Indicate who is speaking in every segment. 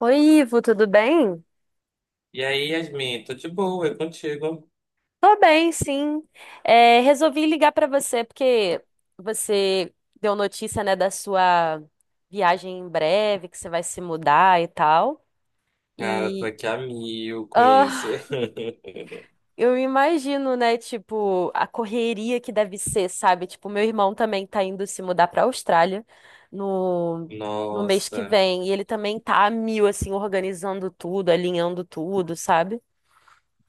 Speaker 1: Oi, Ivo, tudo bem?
Speaker 2: E aí, Yasmin, tô de boa, é contigo.
Speaker 1: Tô bem, sim. É, resolvi ligar pra você porque você deu notícia, né, da sua viagem em breve, que você vai se mudar e tal.
Speaker 2: Cara, tô
Speaker 1: E
Speaker 2: aqui a mil com isso.
Speaker 1: ah, eu imagino, né, tipo, a correria que deve ser, sabe? Tipo, meu irmão também tá indo se mudar pra Austrália no, no mês que
Speaker 2: Nossa.
Speaker 1: vem. E ele também tá a mil, assim, organizando tudo, alinhando tudo, sabe?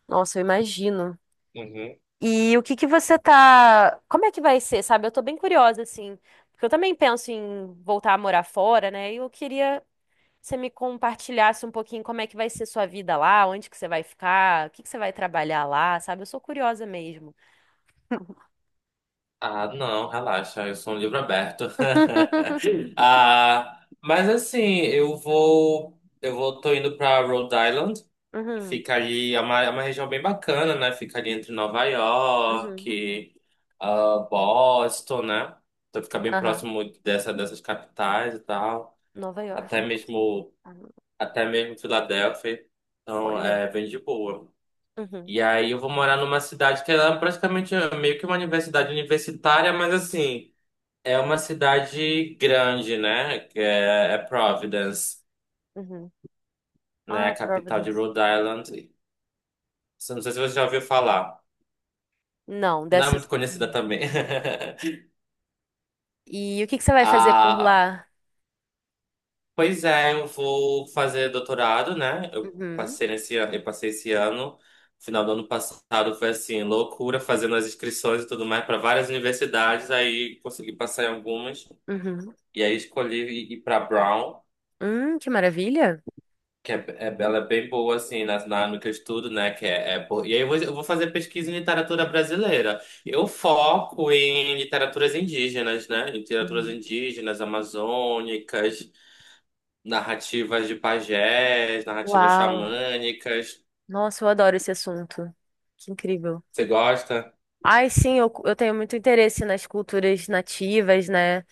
Speaker 1: Nossa, eu imagino.
Speaker 2: Uhum.
Speaker 1: E o que que você tá. Como é que vai ser, sabe? Eu tô bem curiosa, assim. Porque eu também penso em voltar a morar fora, né? E eu queria que você me compartilhasse um pouquinho como é que vai ser sua vida lá, onde que você vai ficar, o que que você vai trabalhar lá, sabe? Eu sou curiosa mesmo.
Speaker 2: Ah, não, relaxa, eu sou um livro aberto. Ah, mas assim, eu vou, tô indo pra Rhode Island.
Speaker 1: Uhum,
Speaker 2: Fica ali, é uma região bem bacana, né? Fica ali entre Nova
Speaker 1: uhum,
Speaker 2: York, Boston, né? Então fica bem
Speaker 1: aham.
Speaker 2: próximo dessas capitais e tal.
Speaker 1: Nova York,
Speaker 2: Até
Speaker 1: eu.
Speaker 2: mesmo
Speaker 1: Uhum.
Speaker 2: Até mesmo Filadélfia. Então,
Speaker 1: Olha.
Speaker 2: é bem de boa.
Speaker 1: Uhum,
Speaker 2: E aí eu vou morar numa cidade que ela é praticamente meio que uma universidade universitária, mas assim, é uma cidade grande, né? Que é Providence,
Speaker 1: uhum.
Speaker 2: né? A
Speaker 1: Ah,
Speaker 2: capital de
Speaker 1: Providence.
Speaker 2: Rhode Island. Não sei se você já ouviu falar.
Speaker 1: Não,
Speaker 2: Não é muito
Speaker 1: dessas.
Speaker 2: conhecida
Speaker 1: Uhum.
Speaker 2: também.
Speaker 1: E o que que você vai fazer por
Speaker 2: A,
Speaker 1: lá?
Speaker 2: Pois é, eu vou fazer doutorado, né?
Speaker 1: Uhum,
Speaker 2: Eu passei esse ano, final do ano passado foi assim, loucura, fazendo as inscrições e tudo mais para várias universidades, aí consegui passar em algumas.
Speaker 1: uhum.
Speaker 2: E aí escolhi ir pra Brown,
Speaker 1: Que maravilha!
Speaker 2: ela é bem boa, assim, no que eu estudo, né? Que é, é bo- E aí eu vou fazer pesquisa em literatura brasileira. Eu foco em literaturas indígenas, né? Literaturas
Speaker 1: Uhum.
Speaker 2: indígenas, amazônicas. Narrativas de pajés, narrativas
Speaker 1: Uau!
Speaker 2: xamânicas.
Speaker 1: Nossa, eu adoro esse assunto. Que incrível.
Speaker 2: Você gosta?
Speaker 1: Ai, sim, eu tenho muito interesse nas culturas nativas, né?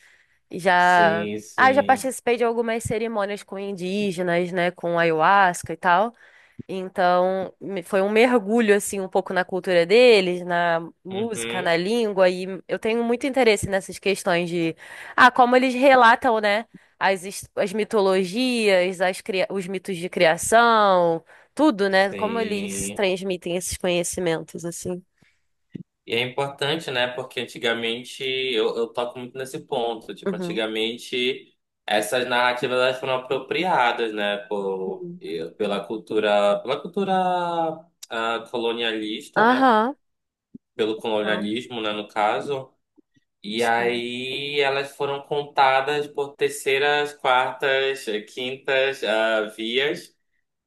Speaker 1: Já,
Speaker 2: Sim,
Speaker 1: já
Speaker 2: sim.
Speaker 1: participei de algumas cerimônias com indígenas, né? Com ayahuasca e tal. Então, foi um mergulho assim um pouco na cultura deles, na música, na
Speaker 2: Uhum,
Speaker 1: língua e eu tenho muito interesse nessas questões de como eles relatam, né, as mitologias, os mitos de criação, tudo, né? Como eles
Speaker 2: sim.
Speaker 1: transmitem esses conhecimentos assim.
Speaker 2: E é importante, né? Porque antigamente eu toco muito nesse ponto. Tipo,
Speaker 1: Uhum.
Speaker 2: antigamente essas narrativas elas foram apropriadas, né?
Speaker 1: Sim.
Speaker 2: Pela cultura colonialista, né?
Speaker 1: Aham.
Speaker 2: Pelo
Speaker 1: Então,
Speaker 2: colonialismo, né? No caso. E
Speaker 1: sim.
Speaker 2: aí elas foram contadas por terceiras, quartas, quintas, vias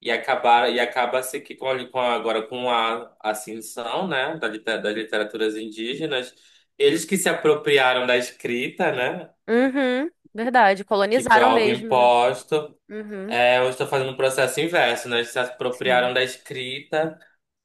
Speaker 2: e acabaram e acaba-se que agora com a ascensão, né, das literaturas indígenas, eles que se apropriaram da escrita, né,
Speaker 1: Uhum. Verdade,
Speaker 2: que foi
Speaker 1: colonizaram
Speaker 2: algo
Speaker 1: mesmo, né?
Speaker 2: imposto,
Speaker 1: Uhum.
Speaker 2: é, eu estou fazendo um processo inverso, né, eles se apropriaram
Speaker 1: Sim.
Speaker 2: da escrita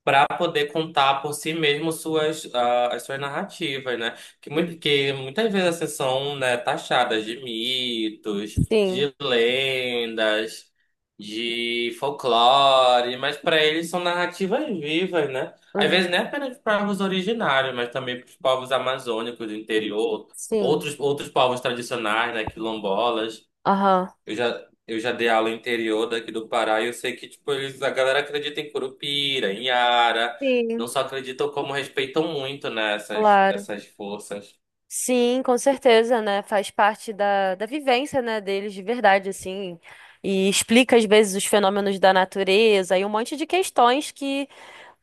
Speaker 2: para poder contar por si mesmo suas, as suas narrativas, né?
Speaker 1: Uhum.
Speaker 2: Que muitas vezes assim, são, né, taxadas de mitos,
Speaker 1: Sim.
Speaker 2: de lendas, de folclore, mas para eles são narrativas vivas, né? Às vezes
Speaker 1: Uhum.
Speaker 2: não é apenas para os povos originários, mas também para os povos amazônicos do interior,
Speaker 1: Sim.
Speaker 2: outros povos tradicionais, né, quilombolas.
Speaker 1: Aham.
Speaker 2: Eu já dei aula interior daqui do Pará e eu sei que, tipo, eles, a galera acredita em Curupira, em Ara. Não
Speaker 1: Sim,
Speaker 2: só acreditam, como respeitam muito, né,
Speaker 1: claro.
Speaker 2: essas forças.
Speaker 1: Sim, com certeza, né? Faz parte da vivência, né, deles de verdade, assim. E explica, às vezes, os fenômenos da natureza e um monte de questões que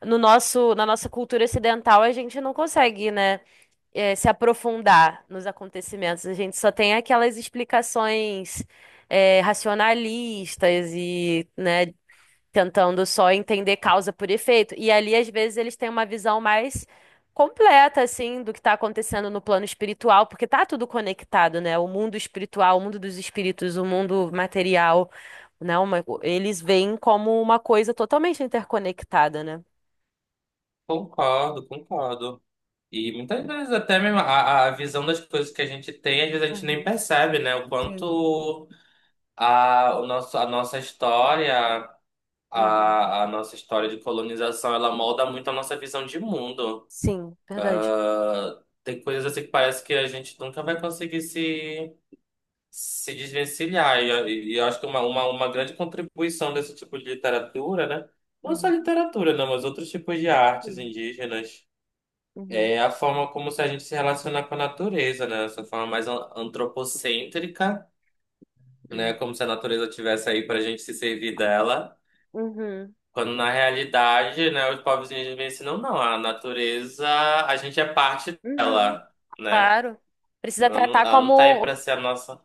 Speaker 1: no nosso, na nossa cultura ocidental a gente não consegue, né, se aprofundar nos acontecimentos. A gente só tem aquelas explicações, racionalistas e, né, tentando só entender causa por efeito. E ali, às vezes, eles têm uma visão mais completa, assim, do que está acontecendo no plano espiritual, porque tá tudo conectado, né? O mundo espiritual, o mundo dos espíritos, o mundo material, né? Eles veem como uma coisa totalmente interconectada, né?
Speaker 2: Concordo, concordo. E muitas vezes até mesmo a visão das coisas que a gente tem, às vezes a gente nem
Speaker 1: Uhum.
Speaker 2: percebe, né? O
Speaker 1: Sim.
Speaker 2: quanto a nossa história,
Speaker 1: Uhum.
Speaker 2: a nossa história de colonização, ela molda muito a nossa visão de mundo.
Speaker 1: Sim, verdade.
Speaker 2: Tem coisas assim que parece que a gente nunca vai conseguir se desvencilhar. E eu acho que uma grande contribuição desse tipo de literatura, né? Não só
Speaker 1: Uhum.
Speaker 2: literatura, não, mas outros tipos de artes
Speaker 1: Sim.
Speaker 2: indígenas.
Speaker 1: Uhum,
Speaker 2: É a forma como se a gente se relacionar com a natureza, né? Essa forma antropocêntrica, né?
Speaker 1: uhum,
Speaker 2: Como se a natureza tivesse aí para a gente se servir dela.
Speaker 1: uhum,
Speaker 2: Quando na realidade, né, os povos indígenas me ensinam, não, a natureza, a gente é parte
Speaker 1: uhum.
Speaker 2: dela, né?
Speaker 1: Claro. Precisa tratar
Speaker 2: Ela não tá aí
Speaker 1: como.
Speaker 2: para ser a nossa.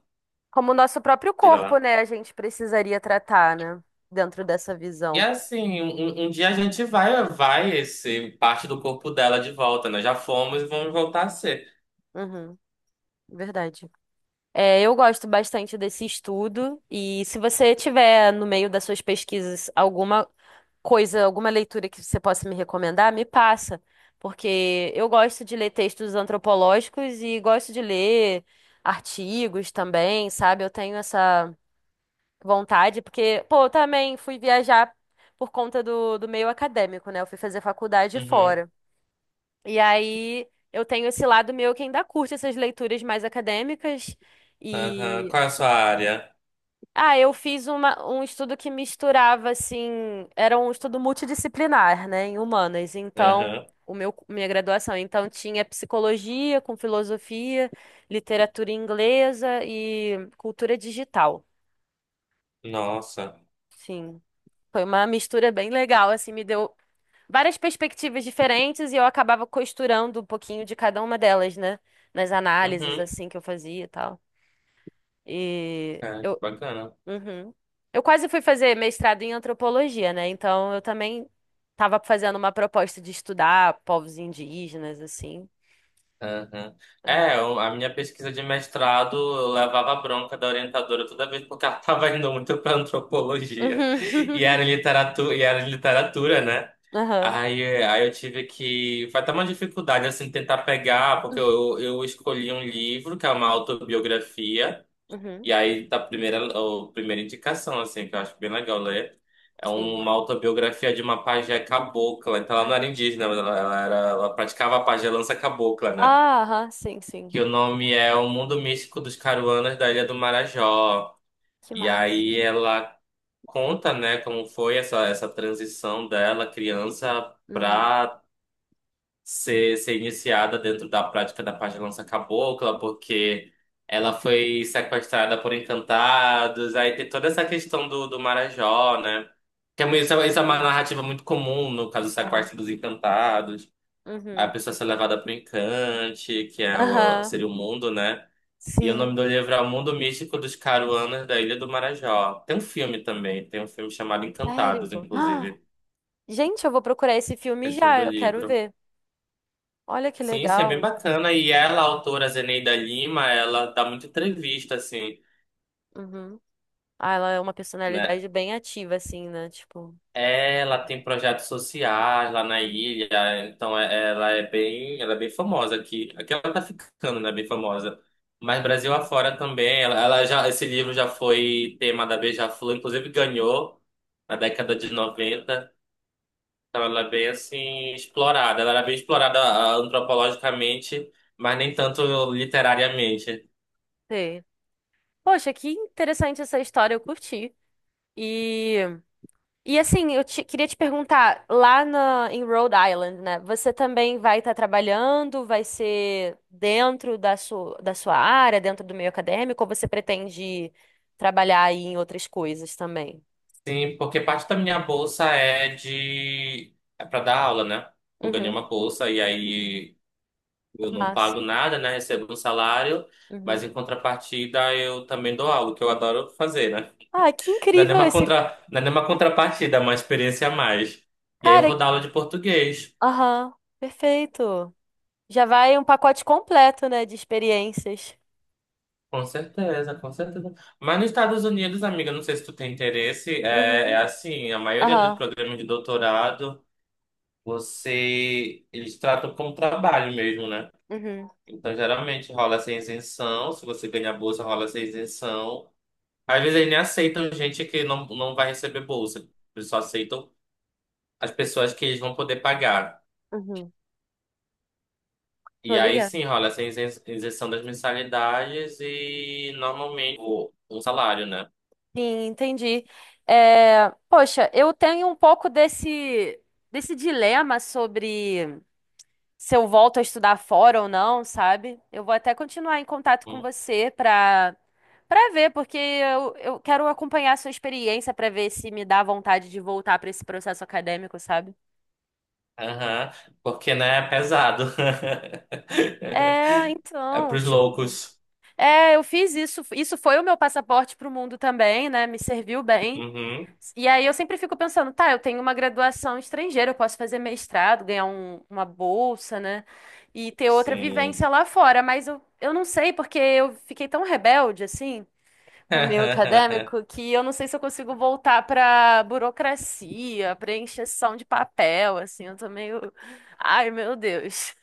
Speaker 1: Como o nosso próprio
Speaker 2: Diga
Speaker 1: corpo,
Speaker 2: lá.
Speaker 1: né? A gente precisaria tratar, né? Dentro dessa
Speaker 2: E
Speaker 1: visão.
Speaker 2: assim, um dia a gente vai ser parte do corpo dela de volta, né? Já fomos e vamos voltar a ser.
Speaker 1: Uhum, verdade. É, eu gosto bastante desse estudo e se você tiver no meio das suas pesquisas alguma coisa, alguma leitura que você possa me recomendar, me passa, porque eu gosto de ler textos antropológicos e gosto de ler artigos também, sabe? Eu tenho essa vontade, porque, pô, eu também fui viajar por conta do meio acadêmico, né? Eu fui fazer faculdade
Speaker 2: Uhum,
Speaker 1: fora. E aí eu tenho esse lado meu que ainda curte essas leituras mais acadêmicas.
Speaker 2: aham.
Speaker 1: E.
Speaker 2: Qual é a sua área?
Speaker 1: Ah, eu fiz uma, um estudo que misturava, assim. Era um estudo multidisciplinar, né? Em humanas. Então.
Speaker 2: Aham.
Speaker 1: O meu, minha graduação. Então, tinha psicologia com filosofia, literatura inglesa e cultura digital.
Speaker 2: Nossa.
Speaker 1: Sim. Foi uma mistura bem legal, assim, me deu várias perspectivas diferentes e eu acabava costurando um pouquinho de cada uma delas, né? Nas análises,
Speaker 2: Uhum.
Speaker 1: assim, que eu fazia e tal. E
Speaker 2: É, que
Speaker 1: eu,
Speaker 2: bacana.
Speaker 1: uhum. Eu quase fui fazer mestrado em antropologia, né? Então eu também tava fazendo uma proposta de estudar povos indígenas, assim.
Speaker 2: Uhum.
Speaker 1: É.
Speaker 2: É, eu- a minha pesquisa de mestrado eu levava bronca da orientadora toda vez porque ela estava indo muito para antropologia
Speaker 1: Uhum.
Speaker 2: e era literatura, né?
Speaker 1: Aham.
Speaker 2: Aí eu tive que. Foi até uma dificuldade assim tentar pegar, porque eu escolhi um livro que é uma autobiografia,
Speaker 1: Uhum.
Speaker 2: e aí tá a primeira indicação, assim, que eu acho bem legal ler. É
Speaker 1: Sim.
Speaker 2: uma autobiografia de uma pajé cabocla. Então ela não era indígena, mas ela praticava a pajelança cabocla, né?
Speaker 1: Ah, aham, sim, sim.
Speaker 2: que o nome é O Mundo Místico dos Caruanas da Ilha do Marajó.
Speaker 1: Que
Speaker 2: E
Speaker 1: massa.
Speaker 2: aí ela conta, né, como foi essa transição dela, criança,
Speaker 1: Uhum.
Speaker 2: para ser iniciada dentro da prática da pagelança cabocla, porque ela foi sequestrada por encantados. Aí tem toda essa questão do Marajó, né? Isso é uma
Speaker 1: Sim.
Speaker 2: narrativa muito comum no caso do
Speaker 1: Aham.
Speaker 2: sequestro dos encantados. A
Speaker 1: Uhum.
Speaker 2: pessoa é ser levada para o encante, que é
Speaker 1: Aham.
Speaker 2: seria o mundo, né? E o nome
Speaker 1: Sim,
Speaker 2: do livro é O Mundo Místico dos Caruanas da Ilha do Marajó. Tem um filme também, tem um filme chamado
Speaker 1: sério?
Speaker 2: Encantados,
Speaker 1: Ah,
Speaker 2: inclusive,
Speaker 1: gente, eu vou procurar esse
Speaker 2: que
Speaker 1: filme
Speaker 2: é sobre
Speaker 1: já,
Speaker 2: o
Speaker 1: eu quero
Speaker 2: livro.
Speaker 1: ver. Olha que
Speaker 2: Sim, sim, é bem
Speaker 1: legal.
Speaker 2: bacana. E ela, a autora Zeneida Lima, ela dá muita entrevista, assim,
Speaker 1: Uhum. Ah, ela é uma
Speaker 2: né?
Speaker 1: personalidade bem ativa, assim, né? Tipo,
Speaker 2: Ela tem projetos sociais lá na
Speaker 1: uhum.
Speaker 2: ilha, então é- ela é bem famosa aqui. Aqui ela tá ficando, né? Bem famosa. Mas Brasil afora também, esse livro já foi tema da Beija-Flor, inclusive ganhou na década de noventa. Então, ela é bem assim explorada. Ela era bem explorada antropologicamente, mas nem tanto literariamente.
Speaker 1: Sei. Poxa, que interessante essa história, eu curti. E, e assim, eu queria te perguntar, lá na, em Rhode Island, né? Você também vai estar trabalhando, vai ser dentro da sua área, dentro do meio acadêmico, ou você pretende trabalhar aí em outras coisas também?
Speaker 2: Sim, porque parte da minha bolsa é de é para dar aula, né? Eu ganhei
Speaker 1: Uhum,
Speaker 2: uma bolsa e aí eu
Speaker 1: que
Speaker 2: não
Speaker 1: massa.
Speaker 2: pago nada, né? Recebo um salário, mas
Speaker 1: Uhum.
Speaker 2: em contrapartida eu também dou aula, que eu adoro fazer, né?
Speaker 1: Ah, que
Speaker 2: Não é nem
Speaker 1: incrível
Speaker 2: uma
Speaker 1: esse
Speaker 2: contra... não é nem uma contrapartida, é uma experiência a mais. E aí eu vou
Speaker 1: cara.
Speaker 2: dar aula de português.
Speaker 1: Aham, perfeito. Já vai um pacote completo, né, de experiências.
Speaker 2: Com certeza, com certeza. Mas nos Estados Unidos, amiga, não sei se tu tem interesse, é
Speaker 1: Uhum.
Speaker 2: assim, a maioria dos
Speaker 1: Aham,
Speaker 2: programas de doutorado, você, eles tratam como trabalho mesmo, né?
Speaker 1: uhum,
Speaker 2: Então, geralmente rola essa isenção, se você ganhar bolsa, rola essa isenção. Às vezes eles nem aceitam gente que não, não vai receber bolsa, eles só aceitam as pessoas que eles vão poder pagar.
Speaker 1: uhum. Tô
Speaker 2: E aí
Speaker 1: ligada.
Speaker 2: sim rola isenção das mensalidades e normalmente um salário, né?
Speaker 1: Sim, entendi. É, poxa, eu tenho um pouco desse, desse dilema sobre se eu volto a estudar fora ou não, sabe? Eu vou até continuar em contato com você pra para ver, porque eu quero acompanhar a sua experiência pra ver se me dá vontade de voltar pra esse processo acadêmico, sabe?
Speaker 2: Aham, porque, né, é pesado.
Speaker 1: É,
Speaker 2: É
Speaker 1: então,
Speaker 2: pros
Speaker 1: tipo,
Speaker 2: loucos.
Speaker 1: é, eu fiz isso, isso foi o meu passaporte pro mundo também, né? Me serviu bem.
Speaker 2: Uhum,
Speaker 1: E aí eu sempre fico pensando, tá, eu tenho uma graduação estrangeira, eu posso fazer mestrado, ganhar uma bolsa, né? E ter outra vivência
Speaker 2: sim.
Speaker 1: lá fora, mas eu não sei, porque eu fiquei tão rebelde, assim, com o meu acadêmico, que eu não sei se eu consigo voltar pra burocracia, pra encheção de papel, assim, eu tô meio... Ai, meu Deus.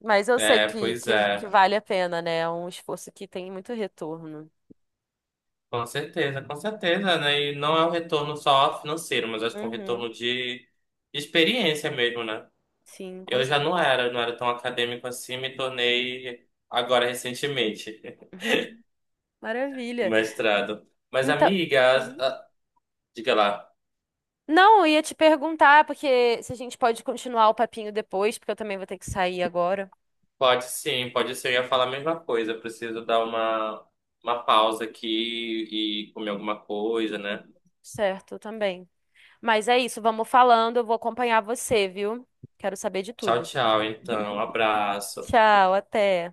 Speaker 1: Mas eu sei
Speaker 2: É,
Speaker 1: que,
Speaker 2: pois
Speaker 1: que, que
Speaker 2: é.
Speaker 1: vale a pena, né? É um esforço que tem muito retorno.
Speaker 2: Com certeza, né? E não é um retorno só financeiro, mas acho que é um
Speaker 1: Uhum,
Speaker 2: retorno de experiência mesmo, né?
Speaker 1: sim, com
Speaker 2: Eu já
Speaker 1: certeza.
Speaker 2: não era tão acadêmico assim, me tornei agora recentemente o
Speaker 1: Maravilha.
Speaker 2: mestrado. Mas,
Speaker 1: Então.
Speaker 2: amiga,
Speaker 1: Uhum.
Speaker 2: diga lá.
Speaker 1: Não, eu ia te perguntar, porque se a gente pode continuar o papinho depois, porque eu também vou ter que sair agora.
Speaker 2: Pode sim, pode ser. Eu ia falar a mesma coisa. Eu preciso dar uma pausa aqui e comer alguma coisa, né?
Speaker 1: Certo, eu também. Mas é isso, vamos falando, eu vou acompanhar você, viu? Quero saber de
Speaker 2: Tchau,
Speaker 1: tudo.
Speaker 2: tchau. Então, um abraço.
Speaker 1: Tchau, até.